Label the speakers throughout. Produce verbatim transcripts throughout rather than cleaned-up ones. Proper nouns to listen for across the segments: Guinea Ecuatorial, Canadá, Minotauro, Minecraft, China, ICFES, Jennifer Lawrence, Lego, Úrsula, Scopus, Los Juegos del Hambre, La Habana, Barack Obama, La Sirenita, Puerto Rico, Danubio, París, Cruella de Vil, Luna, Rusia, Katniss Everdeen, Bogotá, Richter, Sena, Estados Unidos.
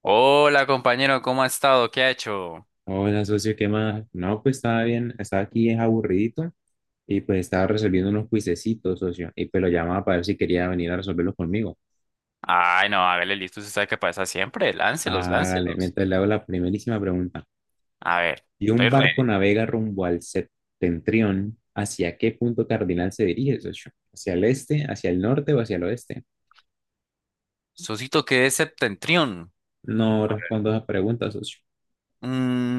Speaker 1: Hola compañero, ¿cómo ha estado? ¿Qué ha hecho?
Speaker 2: Hola, socio, ¿qué más? No, pues estaba bien, estaba aquí es aburridito y pues estaba resolviendo unos cuisecitos, socio, y pues lo llamaba para ver si quería venir a resolverlos conmigo.
Speaker 1: Ay, no, hágale listo, usted sabe qué pasa siempre. Láncelos,
Speaker 2: Hágale,
Speaker 1: láncelos.
Speaker 2: mientras le hago la primerísima pregunta.
Speaker 1: A ver,
Speaker 2: ¿Y un
Speaker 1: estoy
Speaker 2: barco
Speaker 1: ready.
Speaker 2: navega rumbo al septentrión? ¿Hacia qué punto cardinal se dirige, socio? ¿Hacia el este, hacia el norte o hacia el oeste?
Speaker 1: Susito qué es septentrión.
Speaker 2: No
Speaker 1: A ver.
Speaker 2: respondo a esa pregunta, socio.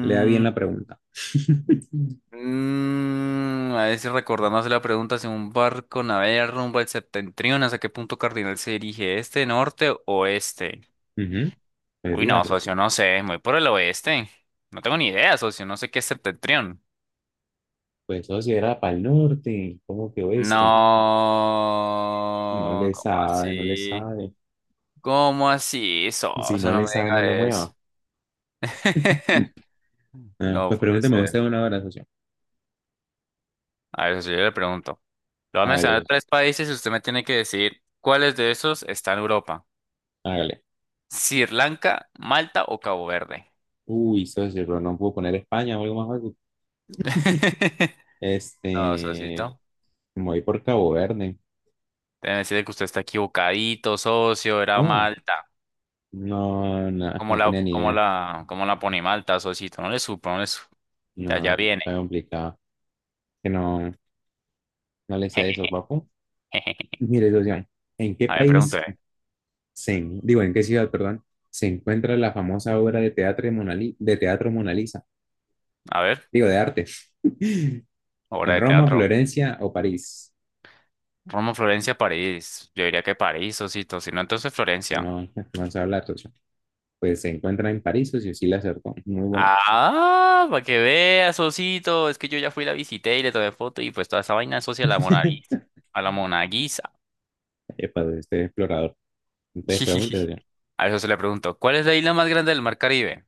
Speaker 2: Lea bien la pregunta.
Speaker 1: mm, a ver si recordándose la pregunta si un barco navega rumbo al septentrión, ¿hasta qué punto cardinal se dirige? ¿Este, norte, oeste?
Speaker 2: Ujú. Pues
Speaker 1: Uy,
Speaker 2: diga,
Speaker 1: no,
Speaker 2: socio.
Speaker 1: socio, no sé, muy por el oeste. No tengo ni idea, socio, no sé qué es septentrión.
Speaker 2: Pues socio, era para el norte, ¿cómo que oeste? No
Speaker 1: No,
Speaker 2: le
Speaker 1: ¿cómo
Speaker 2: sabe, no le
Speaker 1: así?
Speaker 2: sabe.
Speaker 1: ¿Cómo así? Eso,
Speaker 2: Si
Speaker 1: eso
Speaker 2: no
Speaker 1: no
Speaker 2: le
Speaker 1: me
Speaker 2: sabe, no le
Speaker 1: diga eso.
Speaker 2: mueva. Ah,
Speaker 1: No
Speaker 2: pues
Speaker 1: puede
Speaker 2: pregúnteme usted
Speaker 1: ser.
Speaker 2: una hora, socio.
Speaker 1: A ver, si yo le pregunto. Le voy a
Speaker 2: Hágale,
Speaker 1: mencionar
Speaker 2: socio.
Speaker 1: tres países y usted me tiene que decir cuáles de esos está en Europa.
Speaker 2: Hágale.
Speaker 1: Sri Lanka, Malta o Cabo Verde.
Speaker 2: Uy, socio, pero no puedo poner España o algo más fácil.
Speaker 1: No,
Speaker 2: Este,
Speaker 1: socito.
Speaker 2: me voy por Cabo Verde.
Speaker 1: Debe decirle que usted está equivocadito, socio, era
Speaker 2: No,
Speaker 1: Malta.
Speaker 2: no, no,
Speaker 1: ¿Cómo
Speaker 2: no
Speaker 1: la,
Speaker 2: tenía ni
Speaker 1: cómo
Speaker 2: idea.
Speaker 1: la, cómo la pone Malta, socito? No le supo, no le supo. Ya,
Speaker 2: No,
Speaker 1: ya viene.
Speaker 2: está complicado. Que no, no le decía eso, papu. Mire, socio, ¿en qué
Speaker 1: A ver,
Speaker 2: país
Speaker 1: pregúntele.
Speaker 2: se, en- digo, en qué ciudad, perdón, se encuentra la famosa obra de teatro de Mona Li- de teatro Mona Lisa?
Speaker 1: A ver,
Speaker 2: Digo, de arte. En
Speaker 1: obra de
Speaker 2: Roma,
Speaker 1: teatro.
Speaker 2: Florencia o París,
Speaker 1: Roma, Florencia, París. Yo diría que París, Osito. Si no, entonces
Speaker 2: que
Speaker 1: Florencia.
Speaker 2: no, no vamos a hablar, socio. Pues se encuentra en París, socio, sí la acertó. Muy buena.
Speaker 1: Ah, para que veas, Osito. Es que yo ya fui, la visité y le tomé foto y pues toda esa vaina asocia a la Mona Lisa. A la Mona Lisa.
Speaker 2: Epa, de este explorador. Entonces, pregúntese,
Speaker 1: A eso se le preguntó. ¿Cuál es la isla más grande del mar Caribe?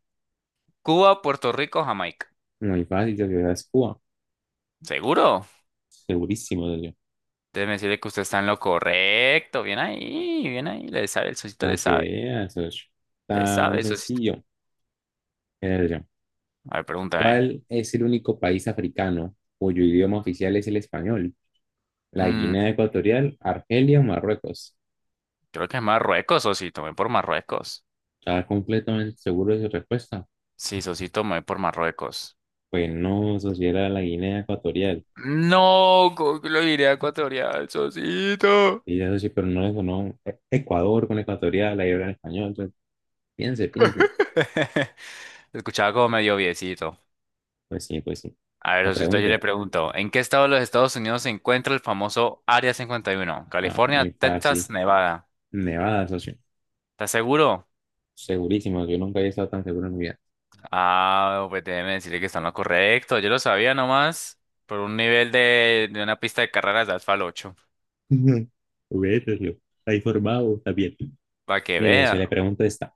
Speaker 1: Cuba, Puerto Rico, Jamaica.
Speaker 2: muy fácil, socio, es Cuba.
Speaker 1: ¿Seguro?
Speaker 2: Segurísimo, socio.
Speaker 1: Déjeme decirle que usted está en lo correcto. Bien ahí, bien ahí. Le sabe, el Sosito le
Speaker 2: Para que
Speaker 1: sabe.
Speaker 2: veas, socio.
Speaker 1: Le
Speaker 2: Está muy
Speaker 1: sabe, Sosito.
Speaker 2: sencillo. Mire,
Speaker 1: A ver, pregúntame.
Speaker 2: ¿cuál es el único país africano cuyo idioma oficial es el español? ¿La
Speaker 1: Mm,
Speaker 2: Guinea Ecuatorial, Argelia o Marruecos?
Speaker 1: creo que es Marruecos, Sosito. Ven por Marruecos.
Speaker 2: ¿Está completamente seguro de su respuesta?
Speaker 1: Sí, Sosito, me voy por Marruecos.
Speaker 2: Pues no, socio, era la Guinea Ecuatorial.
Speaker 1: No, ¿cómo que lo diré a ecuatorial, Sosito.
Speaker 2: Y eso sí, pero no le sonó E- Ecuador con ecuatorial, ahí hablan español. Entonces, piense, piense.
Speaker 1: Se escuchaba como medio viecito.
Speaker 2: Pues sí, pues sí.
Speaker 1: A ver,
Speaker 2: No
Speaker 1: Sosito, yo le
Speaker 2: pregunte.
Speaker 1: pregunto, ¿en qué estado de los Estados Unidos se encuentra el famoso Área cincuenta y uno?
Speaker 2: Ah,
Speaker 1: California,
Speaker 2: muy fácil.
Speaker 1: Texas, Nevada.
Speaker 2: Nevada, socio.
Speaker 1: ¿Estás seguro?
Speaker 2: Segurísimo, yo nunca había estado tan seguro en mi vida.
Speaker 1: Ah, pues déjeme decirle que está en lo correcto. Yo lo sabía nomás por un nivel de, de una pista de carreras de Asfal ocho.
Speaker 2: Vete socio. Está informado, está bien.
Speaker 1: Para que
Speaker 2: Mire, socio, le
Speaker 1: vea.
Speaker 2: pregunto esta.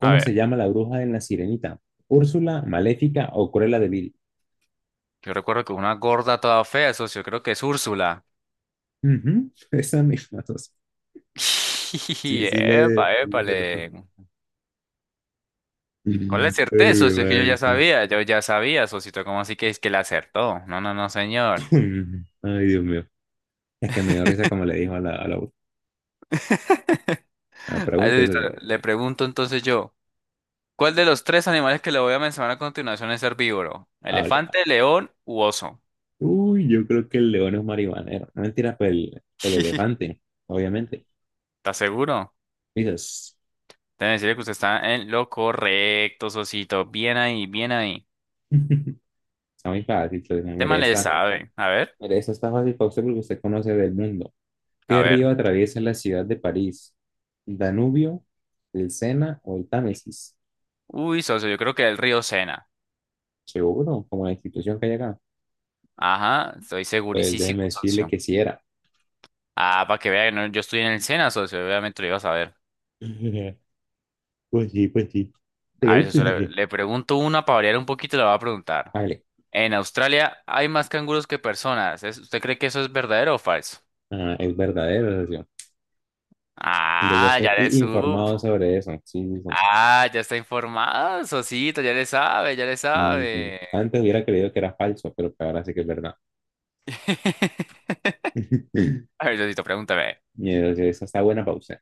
Speaker 1: A
Speaker 2: se
Speaker 1: ver,
Speaker 2: llama la bruja en La Sirenita? ¿Úrsula, Maléfica o Cruella de Vil?
Speaker 1: yo recuerdo que una gorda toda fea, socio, creo que es Úrsula.
Speaker 2: Ujú, esa misma, socio.
Speaker 1: Y
Speaker 2: Sí, sí, le...
Speaker 1: Epa,
Speaker 2: le acertó.
Speaker 1: épale.
Speaker 2: Ay,
Speaker 1: ¿Cuál le acerté,
Speaker 2: mi
Speaker 1: socio? Es que yo
Speaker 2: madre.
Speaker 1: ya
Speaker 2: Socio.
Speaker 1: sabía, yo ya sabía, socito. ¿Cómo así que es que le acertó? No, no, no, señor.
Speaker 2: Ay, Dios mío. Es que me dio risa como le dijo a la, a la Ah,
Speaker 1: A
Speaker 2: pregunta
Speaker 1: ver,
Speaker 2: eso yo.
Speaker 1: le pregunto entonces yo, ¿cuál de los tres animales que le voy a mencionar a continuación es herbívoro?
Speaker 2: Ah, vale.
Speaker 1: ¿Elefante, león u oso?
Speaker 2: Uy, yo creo que el león es marihuanero. No mentira, pero el, el elefante, obviamente.
Speaker 1: ¿Está seguro?
Speaker 2: Dices,
Speaker 1: Debe decirle que usted está en lo correcto, socito. Bien ahí, bien ahí.
Speaker 2: está muy fácil. Pues, no, mire,
Speaker 1: Tema le
Speaker 2: esta,
Speaker 1: sabe. A ver,
Speaker 2: mire, esta está fácil para usted porque usted conoce del mundo.
Speaker 1: a
Speaker 2: ¿Qué río
Speaker 1: ver.
Speaker 2: atraviesa la ciudad de París? ¿Danubio, el Sena o el Támesis?
Speaker 1: Uy, socio, yo creo que el río Sena.
Speaker 2: Seguro, como la institución que hay acá.
Speaker 1: Ajá, estoy
Speaker 2: Pues
Speaker 1: segurísimo,
Speaker 2: déjeme decirle
Speaker 1: socio.
Speaker 2: que sí era.
Speaker 1: Ah, para que vean, no, yo estoy en el SENA, socio, obviamente lo ibas a ver.
Speaker 2: Pues sí, pues sí.
Speaker 1: A ver, socio,
Speaker 2: Pregúntese.
Speaker 1: le,
Speaker 2: Socio.
Speaker 1: le pregunto una para variar un poquito, la voy a preguntar.
Speaker 2: Vale.
Speaker 1: En Australia hay más canguros que personas. ¿Es- ¿Usted cree que eso es verdadero o falso?
Speaker 2: Ah, es verdadero, socio. Yo ya
Speaker 1: Ah, ya
Speaker 2: estoy
Speaker 1: le
Speaker 2: i- informado
Speaker 1: supo.
Speaker 2: sobre eso. Sí, sí, sí.
Speaker 1: Ah, ya está informado, socito, ya le sabe, ya le
Speaker 2: Ujú.
Speaker 1: sabe.
Speaker 2: Antes hubiera creído que era falso, pero pues ahora sí que es verdad.
Speaker 1: A ver, socito, pregúntame.
Speaker 2: Mira, esa está buena pausa.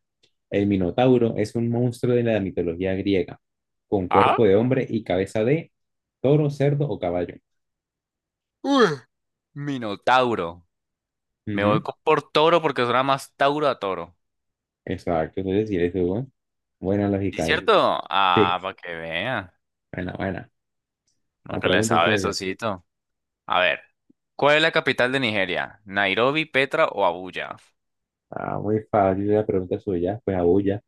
Speaker 2: El Minotauro es un monstruo de la mitología griega, con
Speaker 1: ¿Ah?
Speaker 2: cuerpo de hombre y cabeza de toro, cerdo o caballo.
Speaker 1: Uy, Minotauro. Me voy
Speaker 2: Ujú.
Speaker 1: co- por toro porque suena más tauro a toro.
Speaker 2: Exacto, eso es decir, eso, ¿no? Buena
Speaker 1: ¿Sí
Speaker 2: lógica
Speaker 1: es
Speaker 2: ahí.
Speaker 1: cierto?
Speaker 2: Sí,
Speaker 1: Ah, para que vea.
Speaker 2: buena, buena.
Speaker 1: No
Speaker 2: La
Speaker 1: que le
Speaker 2: pregunta
Speaker 1: sabe,
Speaker 2: usted ya.
Speaker 1: socito. A ver. ¿Cuál es la capital de Nigeria? ¿Nairobi, Petra o Abuya?
Speaker 2: Ah, muy fácil la pregunta suya, pues abulla.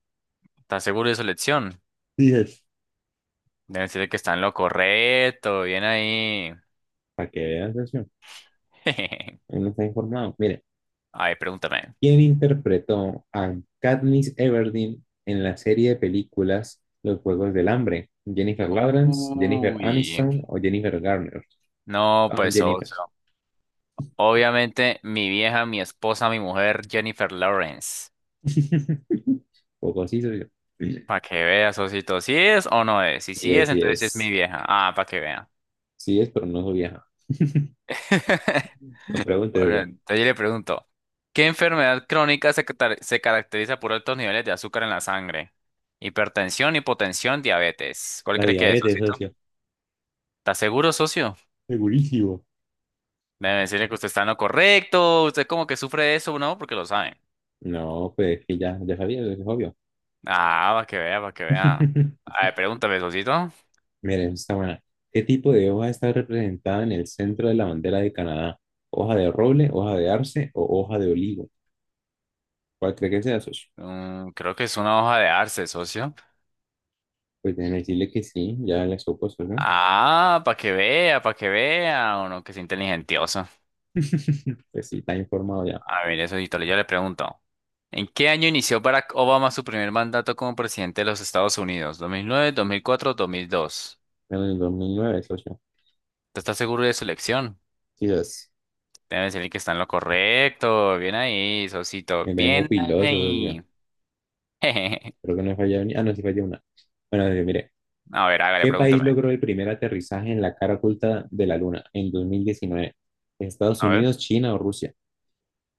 Speaker 1: ¿Estás seguro de su elección?
Speaker 2: Dices.
Speaker 1: Deben decirle que está en lo correcto. Bien ahí.
Speaker 2: Para que veas eso. Él no está informado. Mire.
Speaker 1: Ay, pregúntame.
Speaker 2: Quien interpretó a Katniss Everdeen en la serie de películas Los Juegos del Hambre? ¿Jennifer Lawrence, Jennifer
Speaker 1: Uy.
Speaker 2: Aniston o Jennifer Garner?
Speaker 1: No,
Speaker 2: Ah, oh,
Speaker 1: pues
Speaker 2: Jennifer.
Speaker 1: otro. Obviamente, mi vieja, mi esposa, mi mujer, Jennifer Lawrence.
Speaker 2: Poco así soy yo. Sí
Speaker 1: Para que veas, Osito, si es o no es. Y si sí
Speaker 2: es,
Speaker 1: es,
Speaker 2: sí
Speaker 1: entonces sí es
Speaker 2: es.
Speaker 1: mi vieja. Ah, para que vea.
Speaker 2: Sí es, pero no soy vieja. No preguntes yo.
Speaker 1: Ahora, entonces yo le pregunto, ¿qué enfermedad crónica se, catar- se caracteriza por altos niveles de azúcar en la sangre? Hipertensión, hipotensión, diabetes. ¿Cuál
Speaker 2: La
Speaker 1: cree que es,
Speaker 2: diabetes,
Speaker 1: socito?
Speaker 2: socio.
Speaker 1: ¿Está seguro, socio?
Speaker 2: Segurísimo.
Speaker 1: Debe decirle que usted está en lo correcto. Usted como que sufre de eso, ¿no? Porque lo sabe.
Speaker 2: No, pues que ya, ya sabía, es obvio.
Speaker 1: Ah, para que vea, para que vea. A ver, pregúntame, socito.
Speaker 2: Miren, está buena. ¿Qué tipo de hoja está representada en el centro de la bandera de Canadá? ¿Hoja de roble, hoja de arce o hoja de olivo? ¿Cuál cree que sea, socio?
Speaker 1: Mm, creo que es una hoja de arce, socio.
Speaker 2: Pues déjeme decirle que sí, ya le supo, socio.
Speaker 1: Ah, para que vea, para que vea. Uno que es inteligentioso.
Speaker 2: Pues sí, está informado ya.
Speaker 1: A ver, eso, Hito, yo le pregunto. ¿En qué año inició Barack Obama su primer mandato como presidente de los Estados Unidos? ¿dos mil nueve, dos mil cuatro, dos mil dos?
Speaker 2: Pero en el dos mil nueve, socio.
Speaker 1: ¿Te estás seguro de su elección?
Speaker 2: Sí, dos.
Speaker 1: Debe decirle que está en lo correcto. Bien ahí, Sosito.
Speaker 2: Me vengo
Speaker 1: Bien
Speaker 2: piloso, socio.
Speaker 1: ahí.
Speaker 2: Creo que no he fallado ni... Ah, no, sí fallé una. Bueno, socio, mire.
Speaker 1: A ver, hágale,
Speaker 2: ¿Qué país
Speaker 1: pregúntame.
Speaker 2: logró el primer aterrizaje en la cara oculta de la Luna en dos mil diecinueve? ¿Estados
Speaker 1: A ver.
Speaker 2: Unidos, China o Rusia?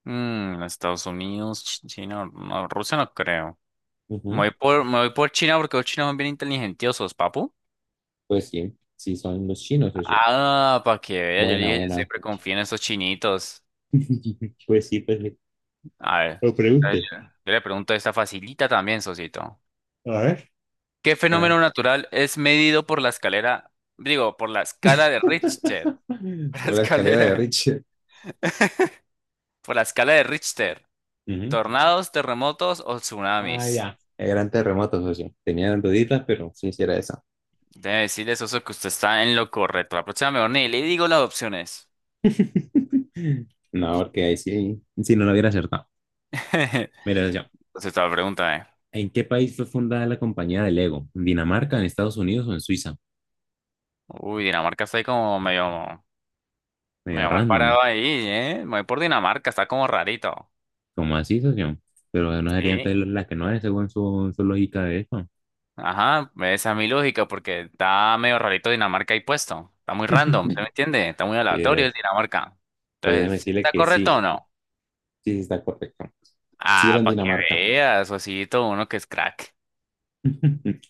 Speaker 1: Mm, Estados Unidos, Ch- China, no, Rusia no creo. Me
Speaker 2: Ujú.
Speaker 1: voy por, me voy por China porque los chinos son bien inteligentiosos, papu.
Speaker 2: Pues sí, sí son los chinos, socio.
Speaker 1: Ah, para que vea, yo le
Speaker 2: Buena,
Speaker 1: dije, yo
Speaker 2: buena.
Speaker 1: siempre confío en esos chinitos.
Speaker 2: Pues sí, pues sí.
Speaker 1: A ver,
Speaker 2: Lo
Speaker 1: a ver,
Speaker 2: pregunte.
Speaker 1: yo yo le pregunto esta facilita también, Sosito.
Speaker 2: A ver.
Speaker 1: ¿Qué
Speaker 2: Hola,
Speaker 1: fenómeno natural es medido por la escalera, digo, por la escala de Richter? Por la
Speaker 2: la escalera de
Speaker 1: escalera,
Speaker 2: Richard.
Speaker 1: por la escala de Richter. ¿Tornados, terremotos o
Speaker 2: Ah,
Speaker 1: tsunamis?
Speaker 2: ya. El gran terremoto, socio. Tenía duditas, pero sí, sí era esa.
Speaker 1: Debe decirle, Soso, que usted está en lo correcto. La próxima mejor ni le digo las opciones.
Speaker 2: No, porque ahí sí, sí no lo hubiera acertado.
Speaker 1: Entonces
Speaker 2: Mira, socio,
Speaker 1: Sosito, pregúntame.
Speaker 2: ¿en qué país fue fundada la compañía de Lego? ¿En Dinamarca, en Estados Unidos o en Suiza?
Speaker 1: Uy, Dinamarca está ahí como medio,
Speaker 2: Medio
Speaker 1: medio mal
Speaker 2: random.
Speaker 1: parado ahí, ¿eh? Me voy por Dinamarca, está como rarito.
Speaker 2: ¿Cómo así, socio? Pero no sería
Speaker 1: Sí.
Speaker 2: entonces la que no es, según su, su lógica de eso.
Speaker 1: Ajá, esa es mi lógica, porque está medio rarito Dinamarca ahí puesto. Está muy random, ¿se me entiende? Está muy
Speaker 2: Sí,
Speaker 1: aleatorio el
Speaker 2: es-
Speaker 1: Dinamarca.
Speaker 2: pues
Speaker 1: Entonces,
Speaker 2: déjeme
Speaker 1: ¿sí
Speaker 2: decirle
Speaker 1: ¿está
Speaker 2: que
Speaker 1: correcto
Speaker 2: sí,
Speaker 1: o no?
Speaker 2: sí sí está correcto. Sí era
Speaker 1: Ah,
Speaker 2: en
Speaker 1: para que
Speaker 2: Dinamarca.
Speaker 1: veas, Osito, uno que es crack.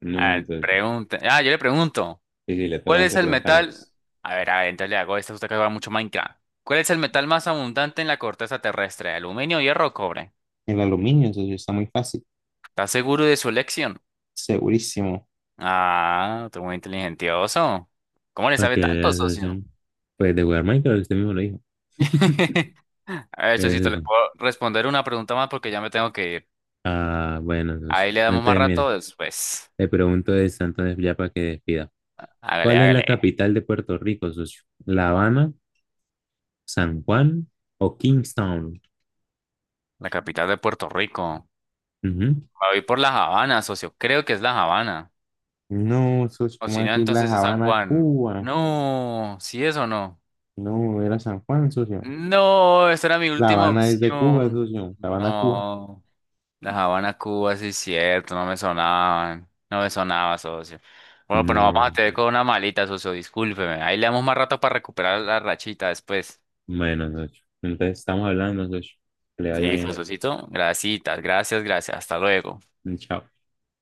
Speaker 2: No,
Speaker 1: A ver,
Speaker 2: entonces,
Speaker 1: pregunta. Ah, yo le pregunto,
Speaker 2: sí, sí, le toca
Speaker 1: ¿cuál
Speaker 2: a
Speaker 1: es
Speaker 2: usted
Speaker 1: el
Speaker 2: preguntarme.
Speaker 1: metal? A ver, a ver, entonces le hago esta, usted que juega mucho Minecraft. ¿Cuál es el metal más abundante en la corteza terrestre? ¿Aluminio, hierro o cobre?
Speaker 2: El aluminio, socio, está muy fácil.
Speaker 1: ¿Estás seguro de su elección?
Speaker 2: Segurísimo.
Speaker 1: Ah, tú muy inteligentioso. ¿Cómo le
Speaker 2: Ok,
Speaker 1: sabe
Speaker 2: la
Speaker 1: tanto, socio?
Speaker 2: asociación. Pues de jugar Minecraft, usted mismo lo dijo.
Speaker 1: A ver,
Speaker 2: Mira,
Speaker 1: Chocito, le
Speaker 2: socio.
Speaker 1: puedo responder una pregunta más porque ya me tengo que ir.
Speaker 2: Ah, bueno, socio.
Speaker 1: Ahí le damos más
Speaker 2: Entonces, mire,
Speaker 1: rato después.
Speaker 2: le pregunto de Santo ya para que despida.
Speaker 1: Hágale,
Speaker 2: ¿Cuál es
Speaker 1: hágale.
Speaker 2: la capital de Puerto Rico, socio? ¿La Habana, San Juan o Kingstown?
Speaker 1: La capital de Puerto Rico.
Speaker 2: Ujú.
Speaker 1: Me voy por La Habana, socio. Creo que es La Habana.
Speaker 2: No, socio,
Speaker 1: O
Speaker 2: ¿cómo
Speaker 1: si no,
Speaker 2: decir La
Speaker 1: entonces es San
Speaker 2: Habana,
Speaker 1: Juan.
Speaker 2: Cuba?
Speaker 1: No, ¿sí es o no?
Speaker 2: No, era San Juan, socio.
Speaker 1: No, esa era mi
Speaker 2: La
Speaker 1: última
Speaker 2: Habana es de Cuba,
Speaker 1: opción.
Speaker 2: socio. La Habana, Cuba.
Speaker 1: No. La Habana, Cuba, sí es cierto, no me sonaban, no me sonaba, socio. Bueno, pues nos vamos a
Speaker 2: No,
Speaker 1: tener con una malita, socio, discúlpeme. Ahí le damos más rato para recuperar la rachita después.
Speaker 2: bueno, socio. Entonces estamos hablando, socio. Que le vaya
Speaker 1: Listo, Dale.
Speaker 2: bien.
Speaker 1: Socito. Gracias, gracias, gracias. Hasta luego.
Speaker 2: Chao.